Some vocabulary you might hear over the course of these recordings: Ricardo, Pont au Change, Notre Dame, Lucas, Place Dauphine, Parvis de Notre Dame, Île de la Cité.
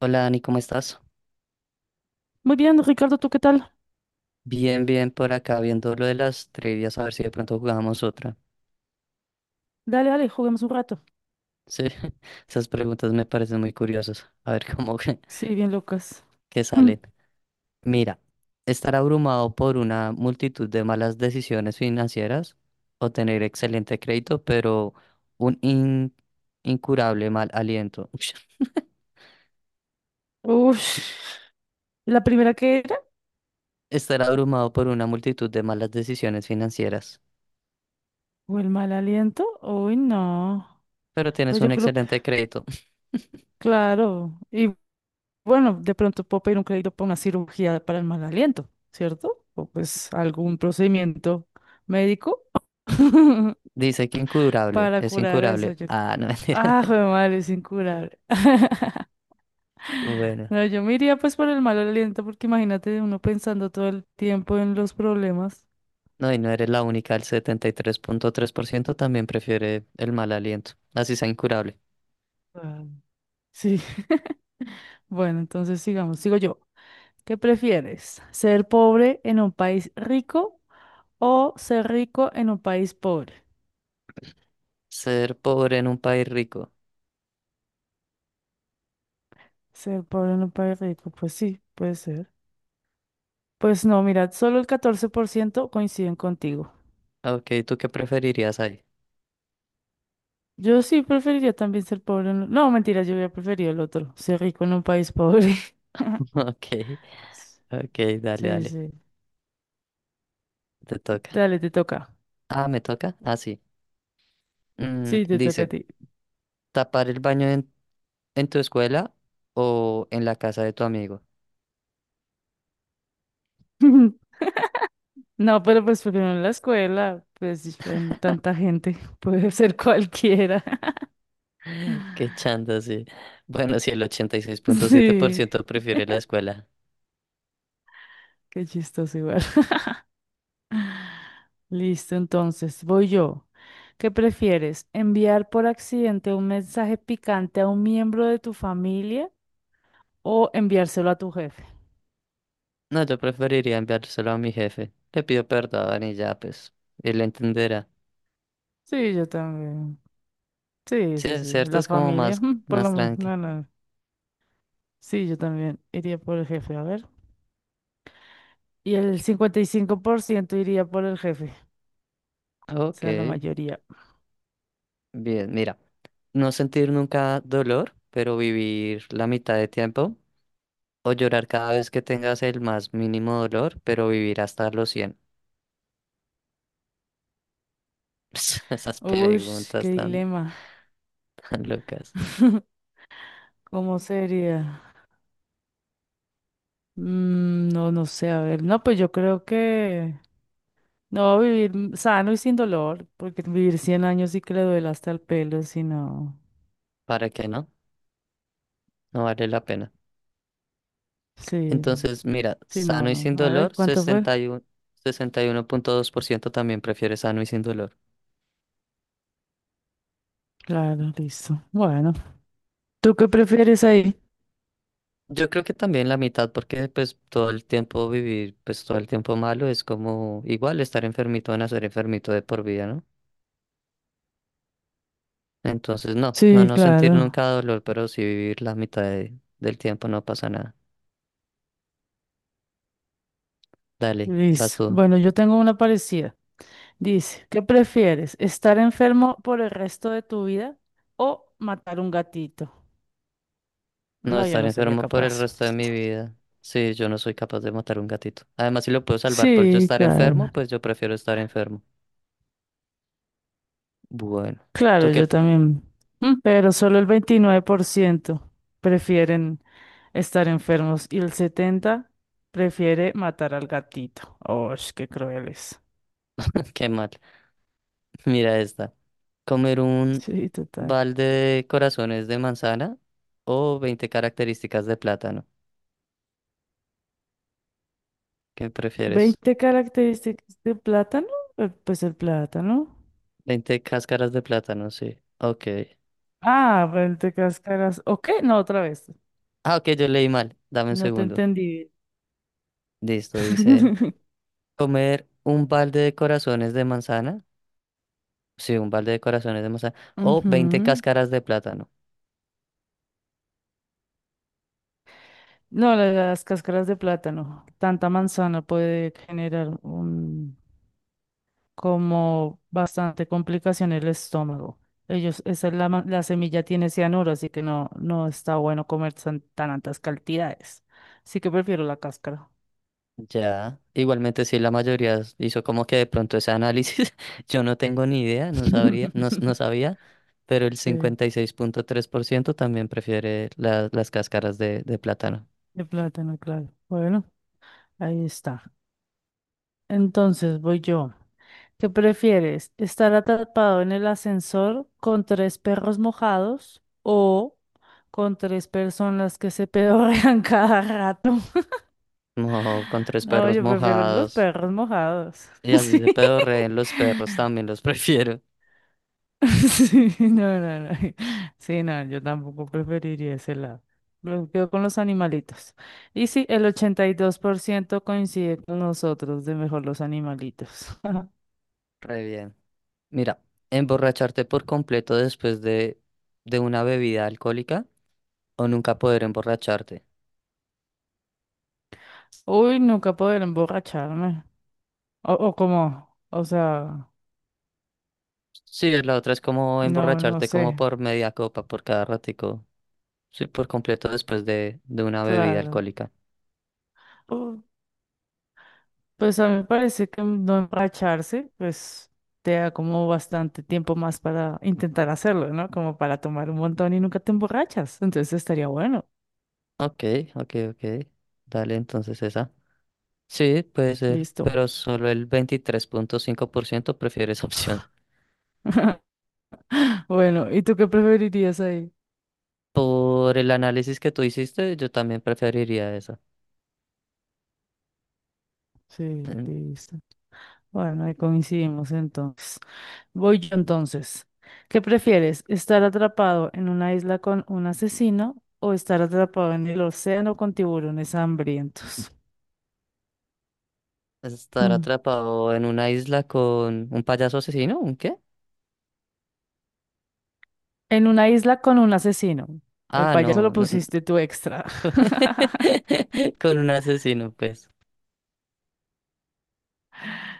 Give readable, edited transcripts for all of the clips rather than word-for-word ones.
Hola Dani, ¿cómo estás? Muy bien, Ricardo, ¿tú qué tal? Bien, bien por acá viendo lo de las trivias, a ver si de pronto jugamos otra. Dale, juguemos un rato. Sí, esas preguntas me parecen muy curiosas. A ver cómo que, Sí, bien, Lucas. que salen. Mira, estar abrumado por una multitud de malas decisiones financieras o tener excelente crédito, pero un incurable mal aliento. Uff, ¿la primera que era? Estar abrumado por una multitud de malas decisiones financieras, ¿O el mal aliento? Uy, no. pero tienes Pues yo un creo que, excelente crédito. claro. Y bueno, de pronto puedo pedir un crédito para una cirugía para el mal aliento, ¿cierto? O pues algún procedimiento médico Dice que incurable, para es curar eso. incurable. Yo... Ah, no, mentira. Ah, joder, madre, es incurable. Bueno, No, yo me iría pues por el mal aliento, porque imagínate uno pensando todo el tiempo en los problemas. no, y no eres la única, el setenta y tres punto tres por ciento también prefiere el mal aliento, así sea incurable. Sí. Bueno, entonces sigamos. Sigo yo. ¿Qué prefieres? ¿Ser pobre en un país rico o ser rico en un país pobre? Ser pobre en un país rico. Ser pobre en un país rico, pues sí, puede ser. Pues no, mirad, solo el 14% coinciden contigo. Ok, ¿tú qué preferirías ahí? Yo sí preferiría también ser pobre en... No, mentira, yo hubiera preferido el otro, ser rico en un país pobre. Ok, ok, dale, Sí, dale, sí. te toca. Dale, te toca. Ah, ¿me toca? Ah, sí. Sí, te toca a Dice, ti. tapar el baño en tu escuela o en la casa de tu amigo. No, pero pues primero en la escuela, pues en tanta gente, puede ser cualquiera. Qué chanda, sí. Bueno, sí, el ochenta y seis punto siete por Sí, ciento prefiere la escuela. qué chistoso igual. Listo, entonces voy yo. ¿Qué prefieres? ¿Enviar por accidente un mensaje picante a un miembro de tu familia o enviárselo a tu jefe? No, yo preferiría enviárselo a mi jefe. Le pido perdón y ya, pues, él entenderá. Sí, yo también. Sí, Sí, sí, sí. es cierto, La es como familia, más, por más lo menos. tranqui. No, no. Sí, yo también iría por el jefe, a ver. Y el 55% iría por el jefe. Ok, Sea, la mayoría. bien, mira. No sentir nunca dolor, pero vivir la mitad de tiempo. O llorar cada vez que tengas el más mínimo dolor, pero vivir hasta los 100. Esas Uy, qué preguntas tan, dilema. tan locas. ¿Cómo sería? No, no sé. A ver. No, pues yo creo que no vivir sano y sin dolor, porque vivir 100 años sí que le duele hasta el pelo, si no. ¿Para qué no? No vale la pena. Sí, Entonces, mira, sí, no, sano y sin no. A ver, dolor, ¿cuánto fue? Sesenta y uno punto dos por ciento también prefiere sano y sin dolor. Claro, listo. Bueno, ¿tú qué prefieres ahí? Yo creo que también la mitad, porque pues todo el tiempo vivir, pues todo el tiempo malo es como igual estar enfermito a nacer enfermito de por vida, ¿no? Entonces no, no, Sí, no sentir claro. nunca dolor, pero sí vivir la mitad del tiempo no pasa nada. Dale, vas Listo. tú. Bueno, yo tengo una parecida. Dice, ¿qué prefieres? ¿Estar enfermo por el resto de tu vida o matar un gatito? No No, yo estar no sería enfermo por el capaz. resto de mi vida. Sí, yo no soy capaz de matar un gatito. Además, si lo puedo salvar por yo Sí, estar enfermo, claro. pues yo prefiero estar enfermo. Bueno, tú Claro, qué, yo también. Pero solo el 29% prefieren estar enfermos y el 70% prefiere matar al gatito. ¡Oh, qué crueles! qué mal. Mira esta. Comer un Sí, total. balde de corazones de manzana o 20 características de plátano. ¿Qué prefieres? Veinte características de plátano. Pues el plátano. 20 cáscaras de plátano, sí. Ok. Ah, el de Cáscaras. ¿O qué? No, otra vez. Ah, ok, yo leí mal. Dame un No te segundo. entendí. Listo, dice. Comer un balde de corazones de manzana. Sí, un balde de corazones de manzana. O 20 Ujú. cáscaras de plátano. No, las cáscaras de plátano. Tanta manzana puede generar un, como bastante complicación en el estómago. Ellos, esa es la, la semilla tiene cianuro, así que no, no está bueno comer tan altas cantidades. Así que prefiero la cáscara. Ya, igualmente sí, la mayoría hizo como que de pronto ese análisis, yo no tengo ni idea, no sabría, no, no sabía, pero el Sí, 56,3% también prefiere las cáscaras de plátano. de plátano, claro. Bueno, ahí está. Entonces voy yo. ¿Qué prefieres? ¿Estar atrapado en el ascensor con tres perros mojados o con tres personas que se pedorrean cada rato? No, con tres No, perros yo prefiero los mojados, perros mojados. y así Sí. se pedorreen los perros, también los prefiero. Sí, no. Sí, no, yo tampoco preferiría ese lado. Me quedo con los animalitos. Y sí, el 82% coincide con nosotros de mejor los animalitos. Re bien. Mira, emborracharte por completo después de una bebida alcohólica o nunca poder emborracharte. Uy, nunca poder emborracharme. O como, o sea. Sí, la otra es como No, no emborracharte como sé, por media copa por cada ratico. Sí, por completo después de una bebida claro. alcohólica. Pu- Pues a mí me parece que no emborracharse, pues te da como bastante tiempo más para intentar hacerlo, ¿no? Como para tomar un montón y nunca te emborrachas. Entonces estaría bueno. Ok, ok, ok. Dale entonces esa. Sí, puede ser, Listo. pero solo el 23,5% prefiere esa opción. Bueno, ¿y tú qué preferirías ahí? Por el análisis que tú hiciste, yo también preferiría esa. Sí, Mm, listo. Bueno, ahí coincidimos entonces. Voy yo entonces. ¿Qué prefieres? ¿Estar atrapado en una isla con un asesino o estar atrapado en el océano con tiburones hambrientos? Estar Hmm. atrapado en una isla con un payaso asesino, ¿un qué? En una isla con un asesino. El Ah, payaso no, lo no, no. pusiste tú extra. con un asesino, pues.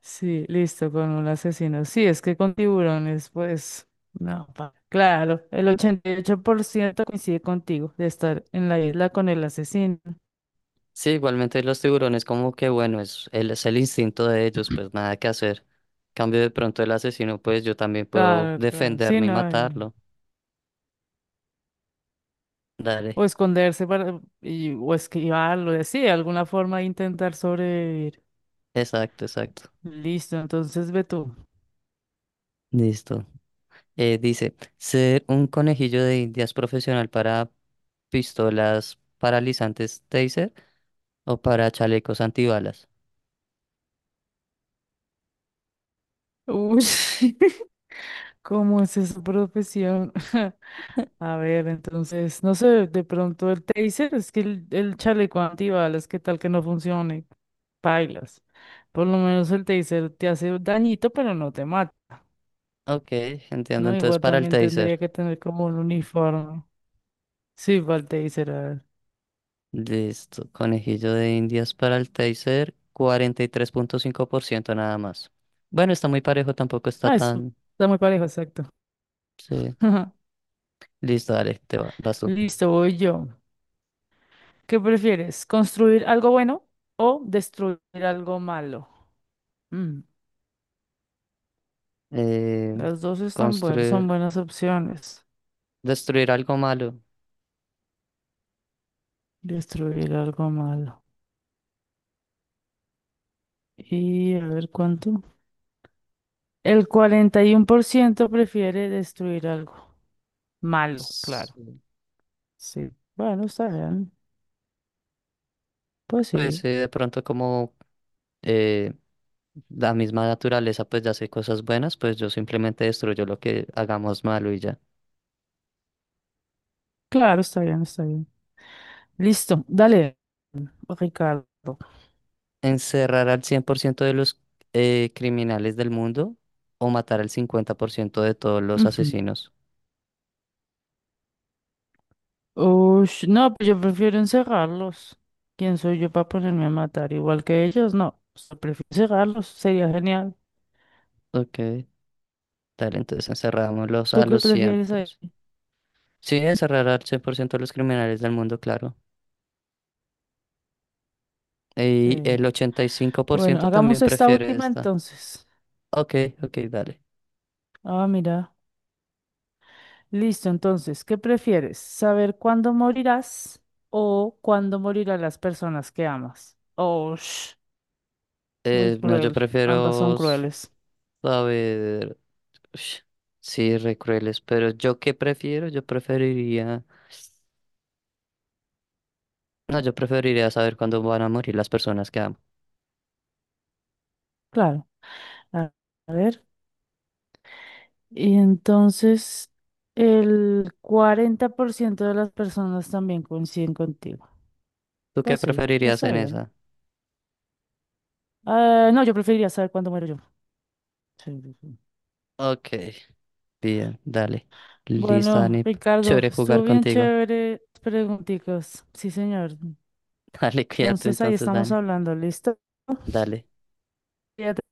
Sí, listo, con un asesino. Sí, es que con tiburones, pues, no. Claro, el 88% coincide contigo de estar en la isla con el asesino. Sí, igualmente los tiburones como que bueno, es el instinto de ellos, pues nada que hacer. Cambio de pronto el asesino, pues yo también puedo Claro, claro, sí, defenderme y no. Matarlo. Dale, O esconderse para, o esquivarlo, sí, de alguna forma intentar sobrevivir. exacto, exacto. Listo, entonces ve tú. Listo. Dice, ser un conejillo de indias profesional para pistolas paralizantes taser o para chalecos antibalas. Uy, ¿cómo es esa profesión? A ver, entonces, no sé, de pronto el taser, es que el chaleco antibalas, ¿qué tal que no funcione? Pailas. Por lo menos el taser te hace dañito, pero no te mata, Ok, entiendo. ¿no? Entonces Igual para el también tendría taser. que tener como un uniforme. Sí, va el taser, a ver. Listo. Conejillo de Indias para el taser, 43,5% nada más. Bueno, está muy parejo, tampoco está Ah, eso tan. está muy parejo, exacto. Sí. Listo, dale, vas tú. Listo, voy yo. ¿Qué prefieres? ¿Construir algo bueno o destruir algo malo? Mm, Eh, las dos están buenas, son construir, buenas opciones. destruir algo malo. Destruir algo malo. Y a ver cuánto. El 41% prefiere destruir algo. Malo, claro. Sí. Sí. Bueno, está bien. Pues Pues sí. sí, de pronto como eh, la misma naturaleza pues ya hace cosas buenas, pues yo simplemente destruyo lo que hagamos malo y ya. Claro, está bien, está bien. Listo. Dale, Ricardo. ¿Encerrar al 100% de los criminales del mundo o matar al 50% de todos los Ujú. asesinos? Ush, no, pues yo prefiero encerrarlos. ¿Quién soy yo para ponerme a matar? Igual que ellos, no. O sea, prefiero encerrarlos. Sería genial. Ok, dale, entonces encerrámoslos ¿Tú a qué los cien prefieres por ahí? ciento. Sí, encerrar al 100% de los criminales del mundo, claro. Y Sí. el ochenta y cinco por Bueno, ciento también hagamos esta prefiere última esta. entonces. Ok, ok, dale. Ah, mira. Listo, entonces, ¿qué prefieres? ¿Saber cuándo morirás o cuándo morirán las personas que amas? Oh, sh, muy No, yo cruel. Ambas son prefiero crueles. saber. Ush, sí, re crueles, pero ¿yo qué prefiero? Yo preferiría. No, yo preferiría saber cuándo van a morir las personas que amo. Claro. A a ver. Y entonces, el 40% de las personas también coinciden contigo. ¿Tú qué Pues sí, preferirías está en bien. esa? Ah, no, yo preferiría saber cuándo muero yo. Sí. Ok, bien, dale. Listo, Bueno, Dani. Ricardo, Chévere estuvo jugar bien contigo. chévere. Pregunticos. Sí, señor. Dale, cuídate Entonces, ahí entonces, estamos Dani. hablando. ¿Listo? Dale. Cuídate.